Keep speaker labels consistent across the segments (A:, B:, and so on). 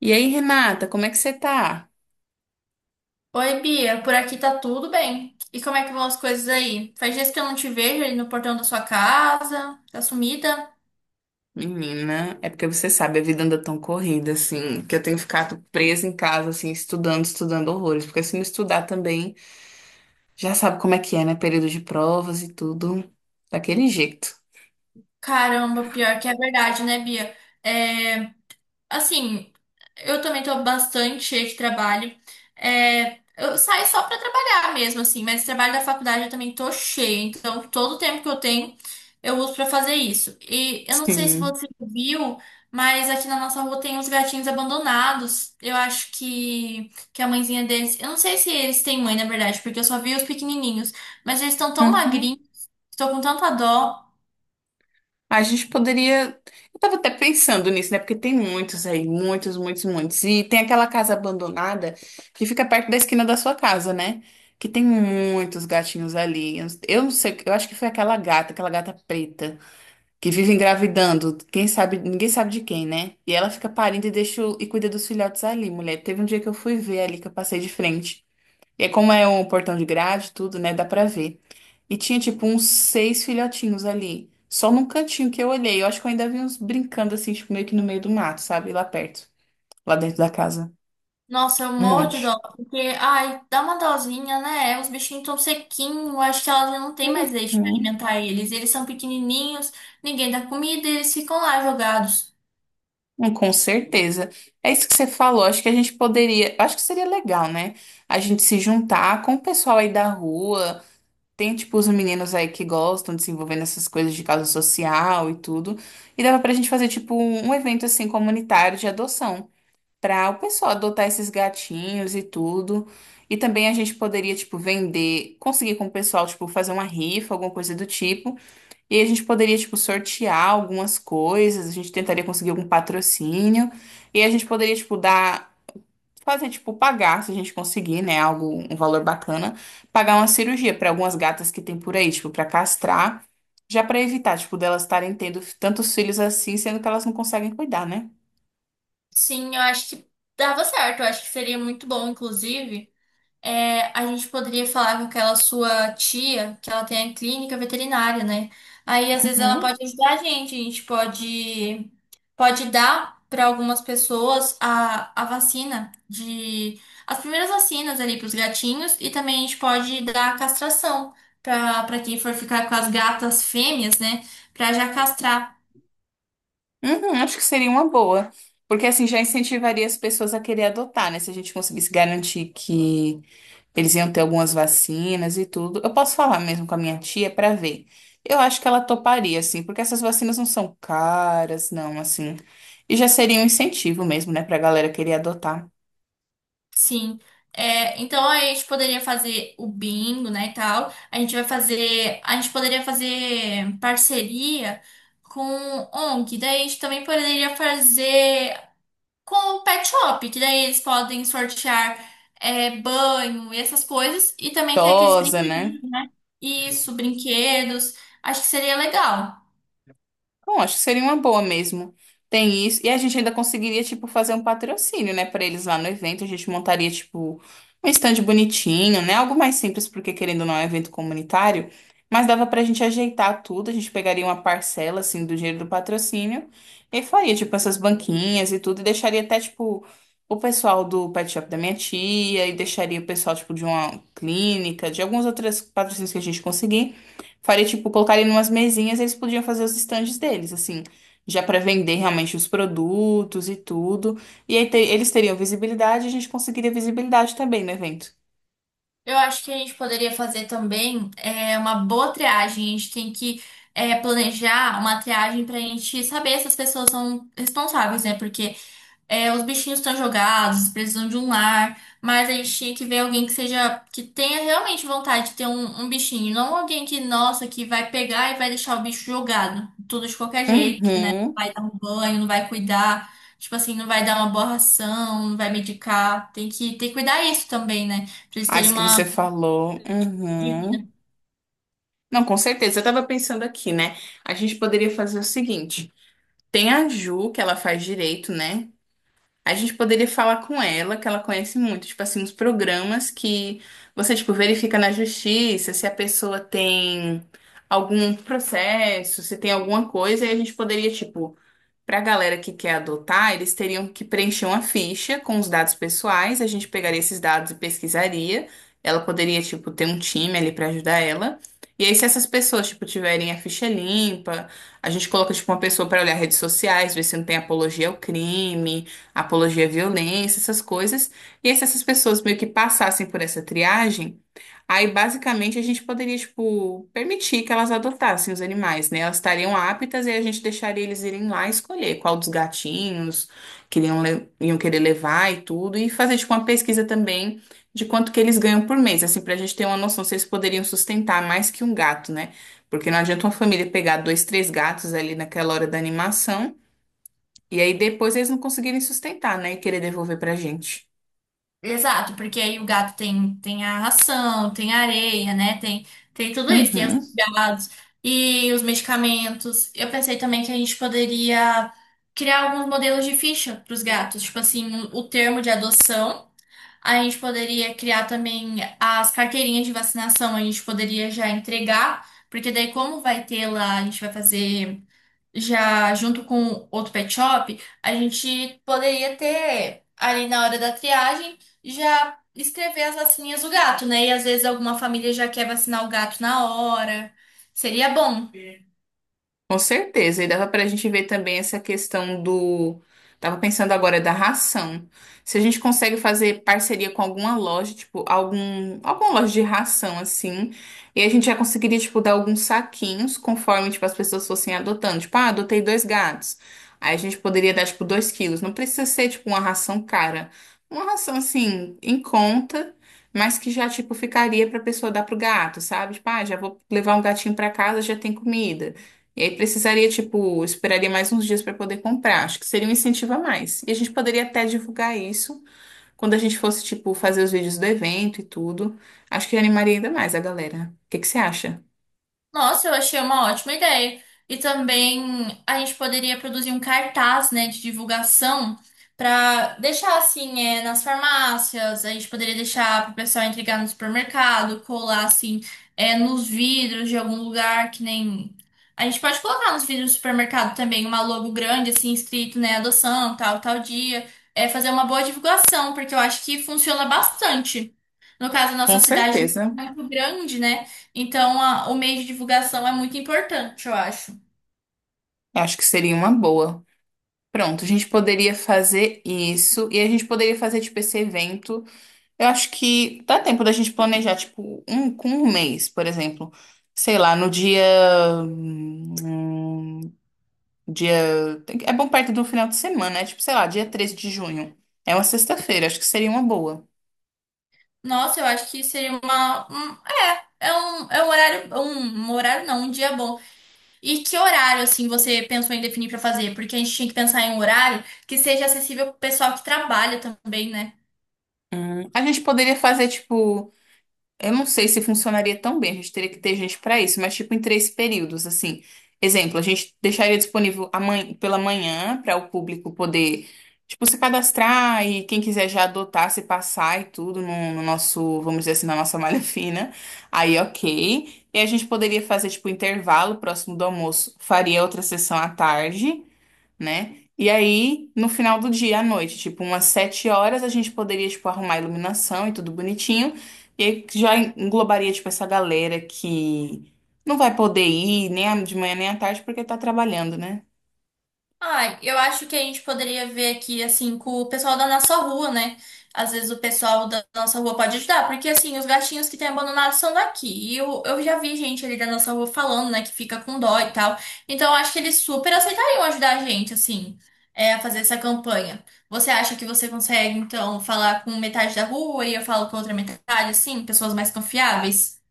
A: E aí, Renata, como é que você tá?
B: Oi, Bia, por aqui tá tudo bem. E como é que vão as coisas aí? Faz dias que eu não te vejo aí no portão da sua casa, tá sumida?
A: Menina, é porque você sabe, a vida anda tão corrida, assim, que eu tenho ficado presa em casa, assim, estudando, estudando horrores. Porque se não estudar também, já sabe como é que é, né? Período de provas e tudo, daquele jeito.
B: Caramba, pior que é verdade, né, Bia? É, Assim, eu também tô bastante cheia de trabalho. Eu saio só pra trabalhar mesmo, assim, mas trabalho da faculdade eu também tô cheia. Então, todo o tempo que eu tenho, eu uso pra fazer isso. E eu não sei se
A: Sim.
B: você viu, mas aqui na nossa rua tem uns gatinhos abandonados. Eu acho que a mãezinha deles. Eu não sei se eles têm mãe, na verdade, porque eu só vi os pequenininhos. Mas eles estão tão magrinhos, estou com tanta dó.
A: A gente poderia. Eu tava até pensando nisso, né? Porque tem muitos aí, muitos, muitos, muitos. E tem aquela casa abandonada que fica perto da esquina da sua casa, né? Que tem muitos gatinhos ali. Eu não sei, eu acho que foi aquela gata preta, que vive engravidando. Quem sabe, ninguém sabe de quem, né? E ela fica parindo e e cuida dos filhotes ali, mulher. Teve um dia que eu fui ver ali, que eu passei de frente. E como é um portão de grade, tudo, né? Dá pra ver. E tinha, tipo, uns seis filhotinhos ali. Só num cantinho que eu olhei. Eu acho que eu ainda vi uns brincando, assim, tipo, meio que no meio do mato, sabe? Lá perto. Lá dentro da casa.
B: Nossa, eu
A: Um
B: morro de
A: monte.
B: dó, porque, ai, dá uma dosinha, né? Os bichinhos tão sequinhos, acho que ela já não tem mais leite pra
A: Uhum.
B: alimentar eles. Eles são pequenininhos, ninguém dá comida, eles ficam lá jogados.
A: Hum. Com certeza. É isso que você falou. Acho que a gente poderia. Acho que seria legal, né? A gente se juntar com o pessoal aí da rua. Tem, tipo, os meninos aí que gostam de se envolver nessas coisas de causa social e tudo. E dava pra gente fazer, tipo, um evento, assim, comunitário de adoção. Para o pessoal adotar esses gatinhos e tudo. E também a gente poderia, tipo, vender, conseguir com o pessoal, tipo, fazer uma rifa, alguma coisa do tipo. E a gente poderia, tipo, sortear algumas coisas, a gente tentaria conseguir algum patrocínio. E a gente poderia, tipo, dar, fazer, tipo, pagar, se a gente conseguir, né, algo, um valor bacana, pagar uma cirurgia para algumas gatas que tem por aí, tipo, para castrar. Já para evitar, tipo, delas estarem tendo tantos filhos assim, sendo que elas não conseguem cuidar, né?
B: Sim, eu acho que dava certo, eu acho que seria muito bom, inclusive. É, a gente poderia falar com aquela sua tia, que ela tem a clínica veterinária, né? Aí às vezes ela
A: Uhum.
B: pode ajudar a gente, a gente pode dar para algumas pessoas a vacina de as primeiras vacinas ali para os gatinhos e também a gente pode dar a castração para quem for ficar com as gatas fêmeas, né? Para já castrar.
A: Uhum, acho que seria uma boa. Porque assim já incentivaria as pessoas a querer adotar, né? Se a gente conseguisse garantir que eles iam ter algumas vacinas e tudo. Eu posso falar mesmo com a minha tia pra ver. Eu acho que ela toparia, assim, porque essas vacinas não são caras, não, assim. E já seria um incentivo mesmo, né, pra galera querer adotar.
B: Sim. É, então a gente poderia fazer o bingo, né, e tal. A gente vai fazer, a gente poderia fazer parceria com ONG. Daí a gente também poderia fazer com o Pet Shop, que daí eles podem sortear banho e essas coisas. E também tem aqueles
A: Tosa,
B: brinquedos,
A: né?
B: isso, brinquedos. Acho que seria legal.
A: Bom, acho que seria uma boa mesmo. Tem isso. E a gente ainda conseguiria, tipo, fazer um patrocínio, né, pra eles lá no evento. A gente montaria, tipo, um stand bonitinho, né? Algo mais simples, porque querendo ou não, é um evento comunitário. Mas dava pra gente ajeitar tudo. A gente pegaria uma parcela, assim, do dinheiro do patrocínio e faria, tipo, essas banquinhas e tudo. E deixaria até, tipo, o pessoal do pet shop da minha tia e deixaria o pessoal, tipo, de uma clínica, de alguns outros patrocínios que a gente conseguir. Faria, tipo, colocaria em umas mesinhas e eles podiam fazer os estandes deles, assim, já para vender realmente os produtos e tudo. E aí eles teriam visibilidade e a gente conseguiria visibilidade também no evento.
B: Eu acho que a gente poderia fazer também uma boa triagem. A gente tem que planejar uma triagem pra gente saber se as pessoas são responsáveis, né? Porque os bichinhos estão jogados, precisam de um lar, mas a gente tinha que ver alguém que seja, que tenha realmente vontade de ter um bichinho, não alguém que, nossa, que vai pegar e vai deixar o bicho jogado, tudo de qualquer jeito, né? Não
A: Uhum.
B: vai dar um banho, não vai cuidar, tipo assim, não vai dar uma boa ração, não vai medicar. Tem que ter que cuidar isso também, né? Pra eles
A: Ah,
B: terem
A: isso que
B: uma
A: você falou.
B: de vida.
A: Uhum. Não, com certeza. Eu tava pensando aqui, né? A gente poderia fazer o seguinte: tem a Ju, que ela faz direito, né? A gente poderia falar com ela, que ela conhece muito, tipo assim, uns programas que você, tipo, verifica na justiça se a pessoa tem algum processo, se tem alguma coisa, e a gente poderia, tipo, para a galera que quer adotar, eles teriam que preencher uma ficha com os dados pessoais. A gente pegaria esses dados e pesquisaria. Ela poderia, tipo, ter um time ali para ajudar ela. E aí, se essas pessoas, tipo, tiverem a ficha limpa, a gente coloca, tipo, uma pessoa para olhar redes sociais, ver se não tem apologia ao crime, apologia à violência, essas coisas. E aí, se essas pessoas meio que passassem por essa triagem. Aí, basicamente, a gente poderia, tipo, permitir que elas adotassem os animais, né? Elas estariam aptas e a gente deixaria eles irem lá escolher qual dos gatinhos que iam, iam querer levar e tudo, e fazer, tipo, uma pesquisa também de quanto que eles ganham por mês, assim, pra gente ter uma noção se eles poderiam sustentar mais que um gato, né? Porque não adianta uma família pegar dois, três gatos ali naquela hora da animação, e aí depois eles não conseguirem sustentar, né? E querer devolver pra gente.
B: Exato, porque aí o gato tem a ração, tem a areia, né? Tem tudo isso, tem os
A: Uhum.
B: gados e os medicamentos. Eu pensei também que a gente poderia criar alguns modelos de ficha para os gatos, tipo assim, um, o termo de adoção. A gente poderia criar também as carteirinhas de vacinação, a gente poderia já entregar, porque daí, como vai ter lá, a gente vai fazer. Já junto com outro pet shop, a gente poderia ter ali na hora da triagem já escrever as vacininhas do gato, né? E às vezes alguma família já quer vacinar o gato na hora. Seria bom.
A: Com certeza, e dava para a gente ver também essa questão do. Tava pensando agora da ração. Se a gente consegue fazer parceria com alguma loja, tipo, algum, alguma loja de ração, assim, e a gente já conseguiria, tipo, dar alguns saquinhos conforme, tipo, as pessoas fossem adotando. Tipo, ah, adotei dois gatos. Aí a gente poderia dar, tipo, dois quilos. Não precisa ser, tipo, uma ração cara. Uma ração, assim, em conta. Mas que já, tipo, ficaria pra pessoa dar pro gato, sabe? Tipo, ah, já vou levar um gatinho pra casa, já tem comida. E aí precisaria, tipo, esperaria mais uns dias para poder comprar. Acho que seria um incentivo a mais. E a gente poderia até divulgar isso quando a gente fosse, tipo, fazer os vídeos do evento e tudo. Acho que animaria ainda mais a galera. O que que você acha?
B: Nossa, eu achei uma ótima ideia. E também a gente poderia produzir um cartaz, né, de divulgação para deixar assim, nas farmácias, a gente poderia deixar para o pessoal entregar no supermercado, colar assim, nos vidros de algum lugar que nem. A gente pode colocar nos vidros do supermercado também uma logo grande, assim, escrito, né, adoção, tal, tal dia. É fazer uma boa divulgação, porque eu acho que funciona bastante. No caso, a nossa
A: Com
B: cidade
A: certeza.
B: não é muito grande, né? Então, a- o meio de divulgação é muito importante, eu acho.
A: Acho que seria uma boa. Pronto, a gente poderia fazer isso e a gente poderia fazer, tipo, esse evento. Eu acho que dá tempo da gente planejar, tipo, um com um mês, por exemplo. Sei lá, no dia. hum, Dia. É bom perto do final de semana, né? Tipo, sei lá, dia 13 de junho. É uma sexta-feira, acho que seria uma boa.
B: Nossa, eu acho que seria uma. É um horário. Um horário não, um dia bom. E que horário, assim, você pensou em definir pra fazer? Porque a gente tinha que pensar em um horário que seja acessível pro pessoal que trabalha também, né?
A: A gente poderia fazer, tipo. Eu não sei se funcionaria tão bem, a gente teria que ter gente para isso, mas tipo em três períodos, assim. Exemplo, a gente deixaria disponível pela manhã para o público poder, tipo, se cadastrar e quem quiser já adotar, se passar e tudo no, no nosso, vamos dizer assim, na nossa malha fina. Aí, ok. E a gente poderia fazer, tipo, intervalo próximo do almoço, faria outra sessão à tarde, né? E aí, no final do dia, à noite, tipo umas 7 horas, a gente poderia, tipo, arrumar a iluminação e tudo bonitinho. E aí já englobaria, tipo, essa galera que não vai poder ir nem de manhã nem à tarde porque tá trabalhando, né?
B: Ah, eu acho que a gente poderia ver aqui, assim, com o pessoal da nossa rua, né? Às vezes o pessoal da nossa rua pode ajudar, porque, assim, os gatinhos que têm abandonado são daqui. E eu já vi gente ali da nossa rua falando, né, que fica com dó e tal. Então, eu acho que eles super aceitariam ajudar a gente, assim, a fazer essa campanha. Você acha que você consegue, então, falar com metade da rua e eu falo com outra metade, assim, pessoas mais confiáveis?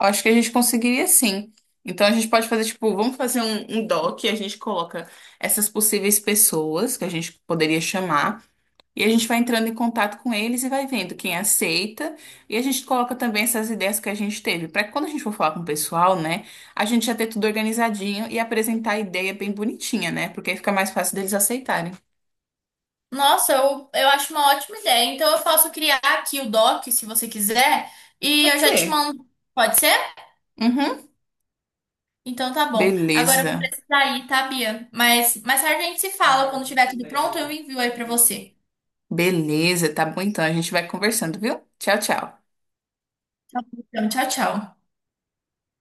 A: Eu acho que a gente conseguiria sim. Então a gente pode fazer, tipo, vamos fazer um doc, a gente coloca essas possíveis pessoas que a gente poderia chamar. E a gente vai entrando em contato com eles e vai vendo quem aceita. E a gente coloca também essas ideias que a gente teve, para que quando a gente for falar com o pessoal, né, a gente já ter tudo organizadinho e apresentar a ideia bem bonitinha, né? Porque aí fica mais fácil deles aceitarem.
B: Nossa, eu acho uma ótima ideia. Então eu posso criar aqui o doc, se você quiser, e eu
A: Pode
B: já te
A: ser.
B: mando. Pode ser?
A: Uhum.
B: Então tá bom. Agora eu vou
A: Beleza.
B: precisar ir, tá, Bia? Mas mais tarde a gente se fala. Quando tiver tudo pronto, eu envio aí pra você.
A: Beleza, tá bom então. A gente vai conversando, viu? Tchau, tchau.
B: Tá bom, então, tchau, tchau.